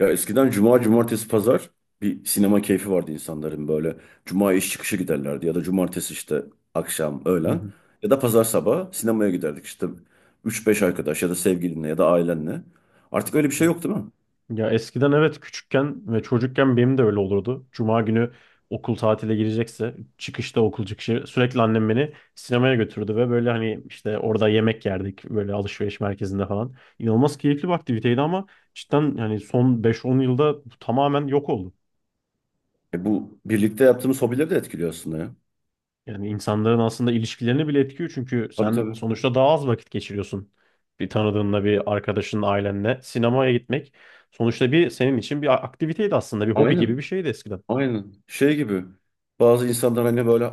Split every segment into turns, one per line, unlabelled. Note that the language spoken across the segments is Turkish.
Ya eskiden cuma, cumartesi, pazar bir sinema keyfi vardı insanların böyle. Cuma iş çıkışı giderlerdi ya da cumartesi işte akşam,
Hı
öğlen
hı,
ya da pazar sabahı sinemaya giderdik işte üç beş arkadaş ya da sevgilinle ya da ailenle. Artık öyle bir şey
hı.
yok değil mi?
Ya eskiden evet küçükken ve çocukken benim de öyle olurdu. Cuma günü okul tatile girecekse çıkışta okul çıkışı sürekli annem beni sinemaya götürdü ve böyle hani işte orada yemek yerdik böyle alışveriş merkezinde falan. İnanılmaz keyifli bir aktiviteydi ama cidden yani son 5-10 yılda bu tamamen yok oldu.
E bu birlikte yaptığımız hobileri de etkiliyor aslında ya.
Yani insanların aslında ilişkilerini bile etkiyor çünkü
Tabii
sen
tabii.
sonuçta daha az vakit geçiriyorsun. Bir tanıdığınla, bir arkadaşınla, ailenle sinemaya gitmek sonuçta bir senin için bir aktiviteydi aslında, bir hobi gibi bir
Aynen.
şeydi eskiden.
Aynen. Şey gibi. Bazı insanlar hani böyle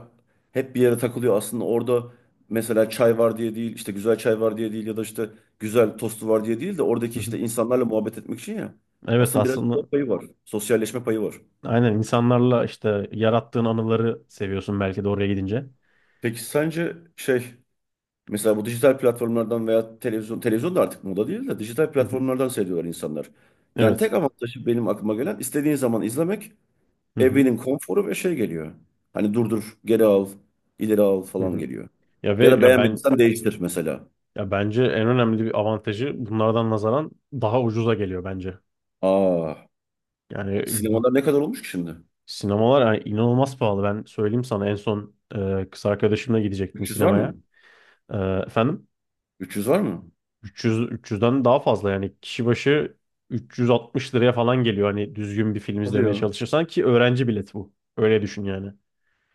hep bir yere takılıyor. Aslında orada mesela çay var diye değil, işte güzel çay var diye değil ya da işte güzel tostu var diye değil de
Hı
oradaki
hı.
işte insanlarla muhabbet etmek için ya.
Evet
Aslında biraz da
aslında
payı var. Sosyalleşme payı var.
aynen insanlarla işte yarattığın anıları seviyorsun belki de oraya gidince.
Peki sence şey mesela bu dijital platformlardan veya televizyon da artık moda değil de dijital
Hı hı.
platformlardan seyrediyorlar insanlar. Yani
Evet.
tek avantajı benim aklıma gelen istediğin zaman izlemek.
Hı hı.
Evinin konforu ve şey geliyor. Hani durdur, geri al, ileri al
Hı
falan
hı.
geliyor.
Ya ve
Ya da
ya ben
beğenmediysen değiştir mesela.
ya bence en önemli bir avantajı bunlardan nazaran daha ucuza geliyor bence.
Aa,
Yani bu
sinemalar ne kadar olmuş ki şimdi?
Sinemalar yani inanılmaz pahalı. Ben söyleyeyim sana en son kız arkadaşımla gidecektim
300 var
sinemaya.
mı?
E, efendim
300 var mı?
300'den daha fazla yani kişi başı 360 liraya falan geliyor hani düzgün bir film
Hadi
izlemeye
ya.
çalışırsan ki öğrenci bileti bu. Öyle düşün yani.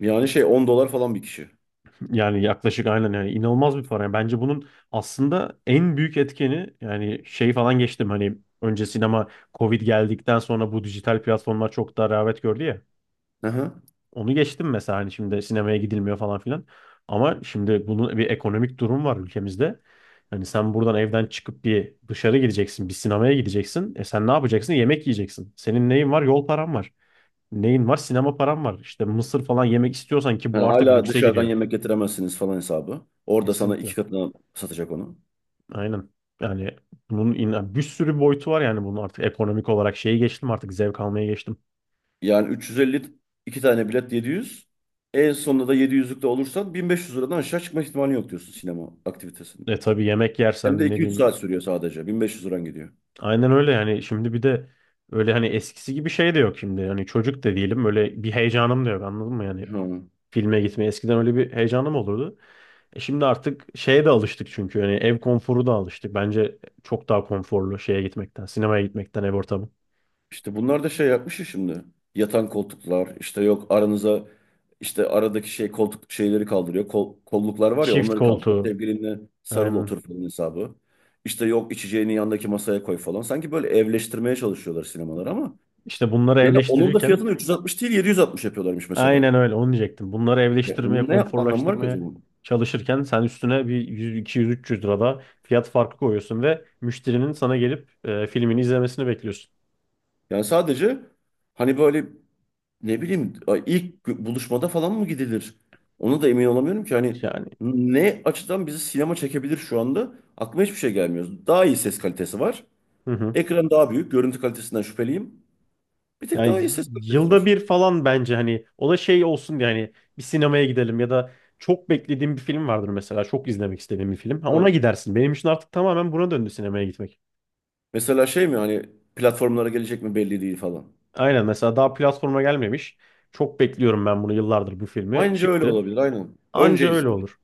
Yani şey 10 dolar falan bir kişi.
Yani yaklaşık aynen yani inanılmaz bir para. Yani bence bunun aslında en büyük etkeni yani şey falan geçtim hani önce sinema Covid geldikten sonra bu dijital platformlar çok daha rağbet gördü ya.
Hı hı.
Onu geçtim mesela hani şimdi sinemaya gidilmiyor falan filan. Ama şimdi bunun bir ekonomik durum var ülkemizde. Hani sen buradan evden çıkıp bir dışarı gideceksin, bir sinemaya gideceksin. E sen ne yapacaksın? Yemek yiyeceksin. Senin neyin var? Yol paran var. Neyin var? Sinema paran var. İşte mısır falan yemek istiyorsan ki
Yani
bu artık
hala
lükse
dışarıdan
giriyor.
yemek getiremezsiniz falan hesabı. Orada sana
Kesinlikle.
iki katına satacak onu.
Aynen. Yani bunun bir sürü boyutu var yani bunun artık ekonomik olarak şeyi geçtim artık zevk almaya geçtim.
Yani 350 iki tane bilet 700. En sonunda da 700'lükte olursan 1.500 liradan aşağı çıkma ihtimali yok diyorsun sinema aktivitesinin.
E tabii yemek
Hem de
yersen ne
2-3
bileyim.
saat sürüyor sadece. 1.500 liran gidiyor.
Aynen öyle yani şimdi bir de öyle hani eskisi gibi şey de yok şimdi. Yani çocuk da değilim öyle bir heyecanım da yok anladın mı yani
Ha.
filme gitmeye eskiden öyle bir heyecanım olurdu. E şimdi artık şeye de alıştık çünkü yani ev konforu da alıştık. Bence çok daha konforlu şeye gitmekten, sinemaya gitmekten ev ortamı.
İşte bunlar da şey yapmış ya şimdi. Yatan koltuklar işte yok aranıza işte aradaki şey koltuk şeyleri kaldırıyor. Kol, kolluklar var ya
Çift
onları kaldırıyor.
koltuğu
Sevgilinle sarıl
aynen.
otur falan hesabı. İşte yok içeceğini yandaki masaya koy falan. Sanki böyle evleştirmeye çalışıyorlar sinemalar ama
İşte bunları
yani onun da
evleştirirken
fiyatını 360 değil 760 yapıyorlarmış mesela.
aynen öyle onu diyecektim. Bunları
E
evleştirmeye,
onun ne anlamı var ki o
konforlaştırmaya
zaman?
çalışırken sen üstüne bir 100, 200, 300 da fiyat farkı koyuyorsun ve müşterinin sana gelip filmini izlemesini bekliyorsun.
Yani sadece hani böyle ne bileyim ay, ilk buluşmada falan mı gidilir? Ona da emin olamıyorum ki hani
Yani
ne açıdan bizi sinema çekebilir şu anda? Aklıma hiçbir şey gelmiyor. Daha iyi ses kalitesi var.
hı hı.
Ekran daha büyük. Görüntü kalitesinden şüpheliyim. Bir tek
Yani
daha iyi ses kalitesi var.
yılda bir falan bence hani o da şey olsun diye hani bir sinemaya gidelim ya da çok beklediğim bir film vardır mesela çok izlemek istediğim bir film. Ha, ona
Ha.
gidersin. Benim için artık tamamen buna döndü sinemaya gitmek.
Mesela şey mi hani platformlara gelecek mi belli değil falan.
Aynen mesela daha platforma gelmemiş. Çok bekliyorum ben bunu yıllardır bu filmi.
Aynıca öyle
Çıktı.
olabilir aynen.
Anca
Önce
öyle
izlemek.
olur.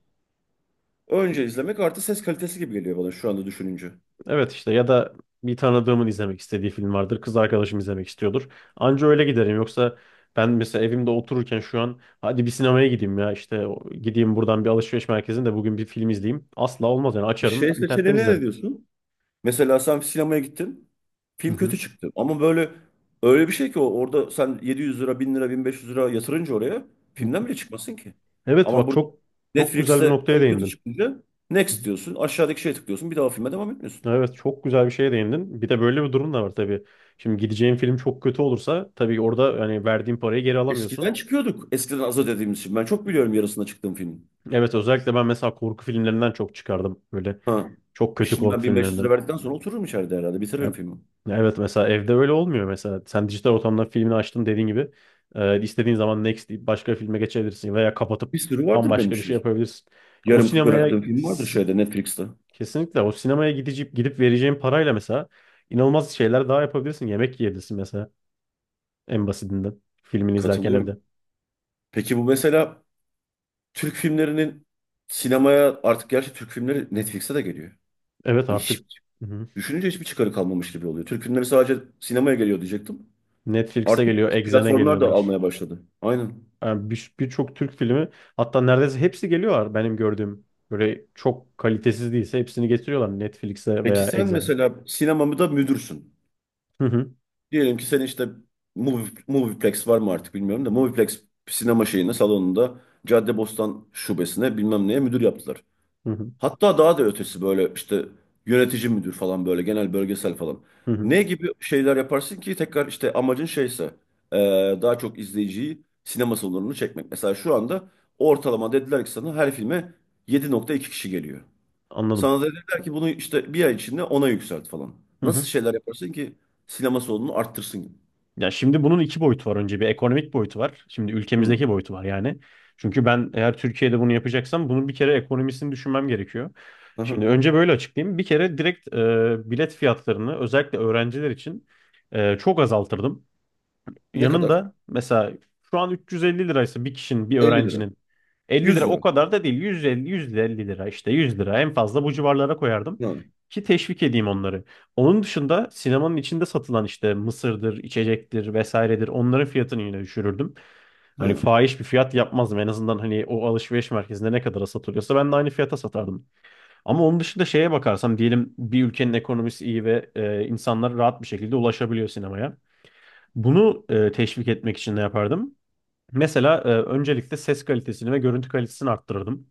Önce izlemek artı ses kalitesi gibi geliyor bana şu anda düşününce.
Evet işte ya da bir tanıdığımın izlemek istediği film vardır. Kız arkadaşım izlemek istiyordur. Anca öyle giderim. Yoksa ben mesela evimde otururken şu an hadi bir sinemaya gideyim ya işte gideyim buradan bir alışveriş merkezinde bugün bir film izleyeyim. Asla olmaz yani açarım
Şey
internetten
seçeneğine ne
izlerim.
diyorsun? Mesela sen sinemaya gittin.
Hı
Film
hı.
kötü çıktı. Ama böyle öyle bir şey ki o orada sen 700 lira, 1.000 lira, 1.500 lira yatırınca oraya
Hı.
filmden bile çıkmasın ki.
Evet
Ama
bak
burada
çok çok güzel bir
Netflix'te
noktaya
film kötü
değindin.
çıkınca
Hı hı.
next diyorsun. Aşağıdaki şeye tıklıyorsun. Bir daha o filme devam etmiyorsun.
Evet çok güzel bir şeye değindin. Bir de böyle bir durum da var tabii. Şimdi gideceğim film çok kötü olursa tabii orada yani verdiğin parayı geri
Eskiden
alamıyorsun.
çıkıyorduk. Eskiden az ödediğimiz için. Ben çok biliyorum yarısında çıktığım filmin.
Evet özellikle ben mesela korku filmlerinden çok çıkardım. Böyle
Ha.
çok
E
kötü
şimdi ben
korku
1500
filmlerinden.
lira verdikten sonra otururum içeride herhalde. Bitiririm
Ya-
filmi.
ya evet mesela evde öyle olmuyor mesela. Sen dijital ortamda filmini açtın dediğin gibi. İstediğin zaman next deyip başka bir filme geçebilirsin veya kapatıp
Bir sürü vardır benim
bambaşka bir şey
şey.
yapabilirsin. Ya o
Yarım
sinemaya
bıraktığım film vardır şeyde Netflix'te.
kesinlikle o sinemaya gidip vereceğin parayla mesela inanılmaz şeyler daha yapabilirsin. Yemek yiyebilirsin mesela en basitinden filmini izlerken evde.
Katılıyorum. Peki bu mesela Türk filmlerinin sinemaya artık gerçi Türk filmleri Netflix'e de geliyor.
Evet
Hani hiç
artık hı hı.
düşününce hiçbir çıkarı kalmamış gibi oluyor. Türk filmleri sadece sinemaya geliyor diyecektim.
Netflix'e
Artık
geliyor, Exxen'e
platformlar da
geliyorlar.
almaya başladı. Aynen.
Yani birçok Türk filmi hatta neredeyse hepsi geliyorlar benim gördüğüm. Böyle çok kalitesiz değilse hepsini getiriyorlar Netflix'e
Peki
veya
sen
Exxen'e.
mesela sinemamı da müdürsün.
Hı hı,
Diyelim ki senin işte Movie, Movieplex var mı artık bilmiyorum da Movieplex sinema şeyine salonunda Caddebostan şubesine bilmem neye müdür yaptılar.
hı hı,
Hatta daha da ötesi böyle işte yönetici müdür falan böyle genel bölgesel falan.
hı hı.
Ne gibi şeyler yaparsın ki tekrar işte amacın şeyse e, daha çok izleyiciyi sinema salonunu çekmek. Mesela şu anda ortalama dediler ki sana her filme 7,2 kişi geliyor.
Anladım.
Sana da dediler ki bunu işte bir ay içinde ona yükselt falan.
Hı
Nasıl
hı.
şeyler yaparsın ki sinema salonunu arttırsın?
Ya şimdi bunun iki boyutu var önce. Bir ekonomik boyutu var. Şimdi
Hı.
ülkemizdeki boyutu var yani. Çünkü ben eğer Türkiye'de bunu yapacaksam bunun bir kere ekonomisini düşünmem gerekiyor. Şimdi
Aha.
önce böyle açıklayayım. Bir kere direkt bilet fiyatlarını özellikle öğrenciler için çok azaltırdım.
Ne kadar?
Yanında mesela şu an 350 liraysa bir kişinin, bir
Elli lira.
öğrencinin 50
Yüz
lira o
lira.
kadar da değil. 150, 150 lira işte 100 lira en fazla bu civarlara koyardım.
Ha.
Ki teşvik edeyim onları. Onun dışında sinemanın içinde satılan işte mısırdır, içecektir vesairedir onların fiyatını yine düşürürdüm. Hani
Ha.
fahiş bir fiyat yapmazdım. En azından hani o alışveriş merkezinde ne kadara satılıyorsa ben de aynı fiyata satardım. Ama onun dışında şeye bakarsam diyelim bir ülkenin ekonomisi iyi ve insanlar rahat bir şekilde ulaşabiliyor sinemaya. Bunu teşvik etmek için ne yapardım? Mesela öncelikle ses kalitesini ve görüntü kalitesini arttırırdım.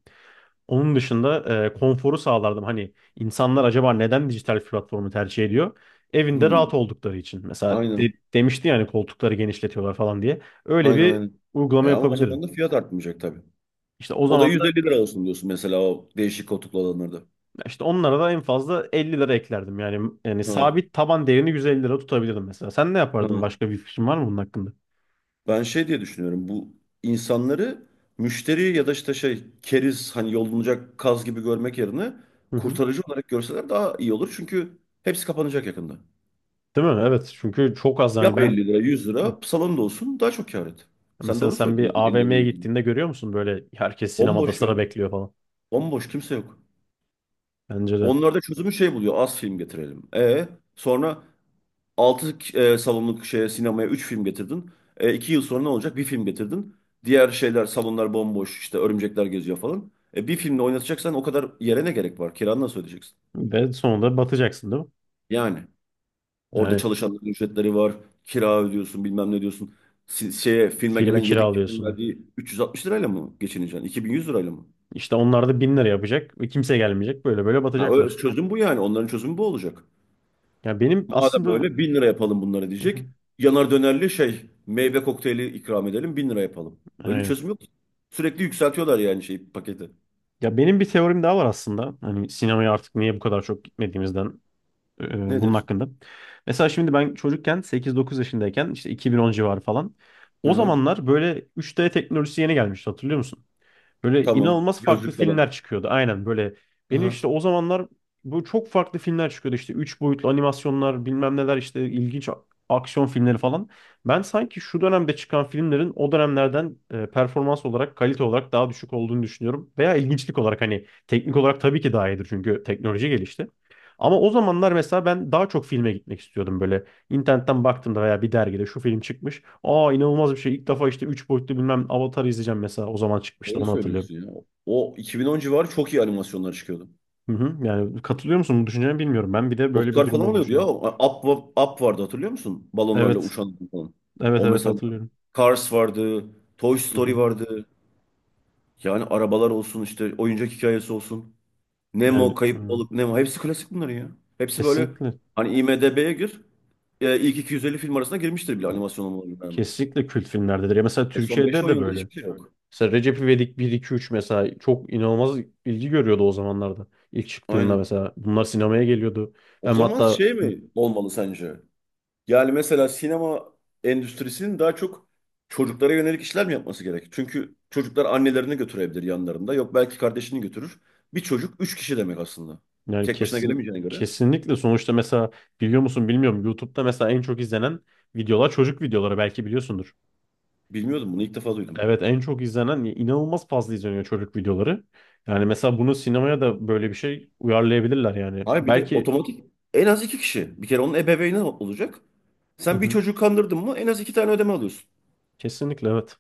Onun dışında konforu sağlardım. Hani insanlar acaba neden dijital platformu tercih ediyor? Evinde
Hı.
rahat oldukları için. Mesela
Aynen.
demişti yani koltukları genişletiyorlar falan diye. Öyle
Aynen
bir
aynen.
uygulama
E ama o zaman
yapabilirim.
da fiyat artmayacak tabii.
İşte o
O da
zaman da
150 lira olsun diyorsun mesela o değişik koltuklu olanlarda.
işte onlara da en fazla 50 lira eklerdim. Yani yani
Ha,
sabit taban değerini 150 lira tutabilirdim mesela. Sen ne yapardın?
ha.
Başka bir fikrin var mı bunun hakkında?
Ben şey diye düşünüyorum bu insanları müşteri ya da işte şey keriz hani yolunacak kaz gibi görmek yerine
Hı hı.
kurtarıcı olarak görseler daha iyi olur. Çünkü hepsi kapanacak yakında.
Değil mi? Evet. Çünkü çok az yani
Yap
ben.
50 lira 100
Hı.
lira salon da olsun daha çok kâr et. Sen
Mesela
doğru
sen
söyledin
bir
yani 50 lira
AVM'ye
100 lira.
gittiğinde görüyor musun böyle herkes sinemada
Bomboş
sıra
ya.
bekliyor falan?
Bomboş kimse yok.
Bence de.
Onlar da çözümü şey buluyor az film getirelim. E sonra altı salonluk şeye, sinemaya 3 film getirdin. E, 2 yıl sonra ne olacak? Bir film getirdin. Diğer şeyler salonlar bomboş işte örümcekler geziyor falan. E, bir filmle oynatacaksan o kadar yere ne gerek var? Kiranı nasıl ödeyeceksin?
Ve sonunda batacaksın değil mi?
Yani orada
Yani
çalışanların ücretleri var. Kira ödüyorsun bilmem ne diyorsun. Şeye filme gelen
filmi
7 kişinin
kiralıyorsun.
verdiği 360 lirayla mı geçineceksin? 2.100 lirayla mı?
İşte onlar da bin lira yapacak. Ve kimse gelmeyecek. Böyle böyle
Ha, öyle
batacaklar.
çözüm bu yani. Onların çözümü bu olacak.
Ya benim
Madem
aslında...
öyle bin lira yapalım bunları
Hı hı.
diyecek. Yanar dönerli şey meyve kokteyli ikram edelim 1.000 lira yapalım. Öyle bir
Aynen.
çözüm yok. Sürekli yükseltiyorlar yani şey paketi.
Ya benim bir teorim daha var aslında. Hani sinemaya artık niye bu kadar çok gitmediğimizden bunun
Nedir?
hakkında. Mesela şimdi ben çocukken 8-9 yaşındayken işte 2010 civarı falan.
Hı
O
hı.
zamanlar böyle 3D teknolojisi yeni gelmişti hatırlıyor musun? Böyle
Tamam.
inanılmaz farklı
Gözlük
filmler
falan.
çıkıyordu. Aynen böyle.
Hı
Benim işte
hı.
o zamanlar bu çok farklı filmler çıkıyordu. İşte 3 boyutlu animasyonlar bilmem neler işte ilginç aksiyon filmleri falan. Ben sanki şu dönemde çıkan filmlerin o dönemlerden performans olarak, kalite olarak daha düşük olduğunu düşünüyorum. Veya ilginçlik olarak hani teknik olarak tabii ki daha iyidir çünkü teknoloji gelişti. Ama o zamanlar mesela ben daha çok filme gitmek istiyordum böyle. İnternetten baktım da veya bir dergide şu film çıkmış. Aa inanılmaz bir şey. İlk defa işte 3 boyutlu bilmem Avatar izleyeceğim mesela. O zaman çıkmıştı
Öyle
onu hatırlıyorum.
söylüyorsun ya. O 2010 civarı çok iyi animasyonlar çıkıyordu.
Hı hı. Yani katılıyor musun bu düşüncene bilmiyorum. Ben bir de böyle bir
Oscar
durum
falan
olduğunu
alıyordu ya.
düşünüyorum.
Up, Up vardı hatırlıyor musun? Balonlarla
Evet.
uçan falan.
Evet
O
evet
mesela.
hatırlıyorum.
Cars vardı. Toy
Hı
Story
hı.
vardı. Yani arabalar olsun işte oyuncak hikayesi olsun.
Yani
Nemo, Kayıp
hı.
Balık, Nemo. Hepsi klasik bunların ya. Hepsi böyle
kesinlikle
hani IMDb'ye gir. E, ilk 250 film arasına girmiştir bile animasyon olmalarına rağmen.
kesinlikle kült filmlerdedir. Ya mesela
E, son beş
Türkiye'de
on
de
yıldır
böyle.
hiçbir şey yok.
Mesela Recep İvedik bir 2 3 mesela çok inanılmaz ilgi görüyordu o zamanlarda. İlk çıktığında
Aynen.
mesela bunlar sinemaya geliyordu.
O
Ben
zaman
hatta
şey mi olmalı sence? Yani mesela sinema endüstrisinin daha çok çocuklara yönelik işler mi yapması gerek? Çünkü çocuklar annelerini götürebilir yanlarında. Yok belki kardeşini götürür. Bir çocuk 3 kişi demek aslında.
Yani
Tek başına gelemeyeceğine göre.
kesinlikle sonuçta mesela biliyor musun bilmiyorum YouTube'da mesela en çok izlenen videolar çocuk videoları belki biliyorsundur.
Bilmiyordum bunu ilk defa duydum.
Evet en çok izlenen inanılmaz fazla izleniyor çocuk videoları. Yani mesela bunu sinemaya da böyle bir şey uyarlayabilirler yani.
Hayır bir de
Belki
otomatik en az 2 kişi. Bir kere onun ebeveyni olacak.
hı
Sen bir
hı,
çocuğu kandırdın mı en az iki tane ödeme alıyorsun.
kesinlikle evet.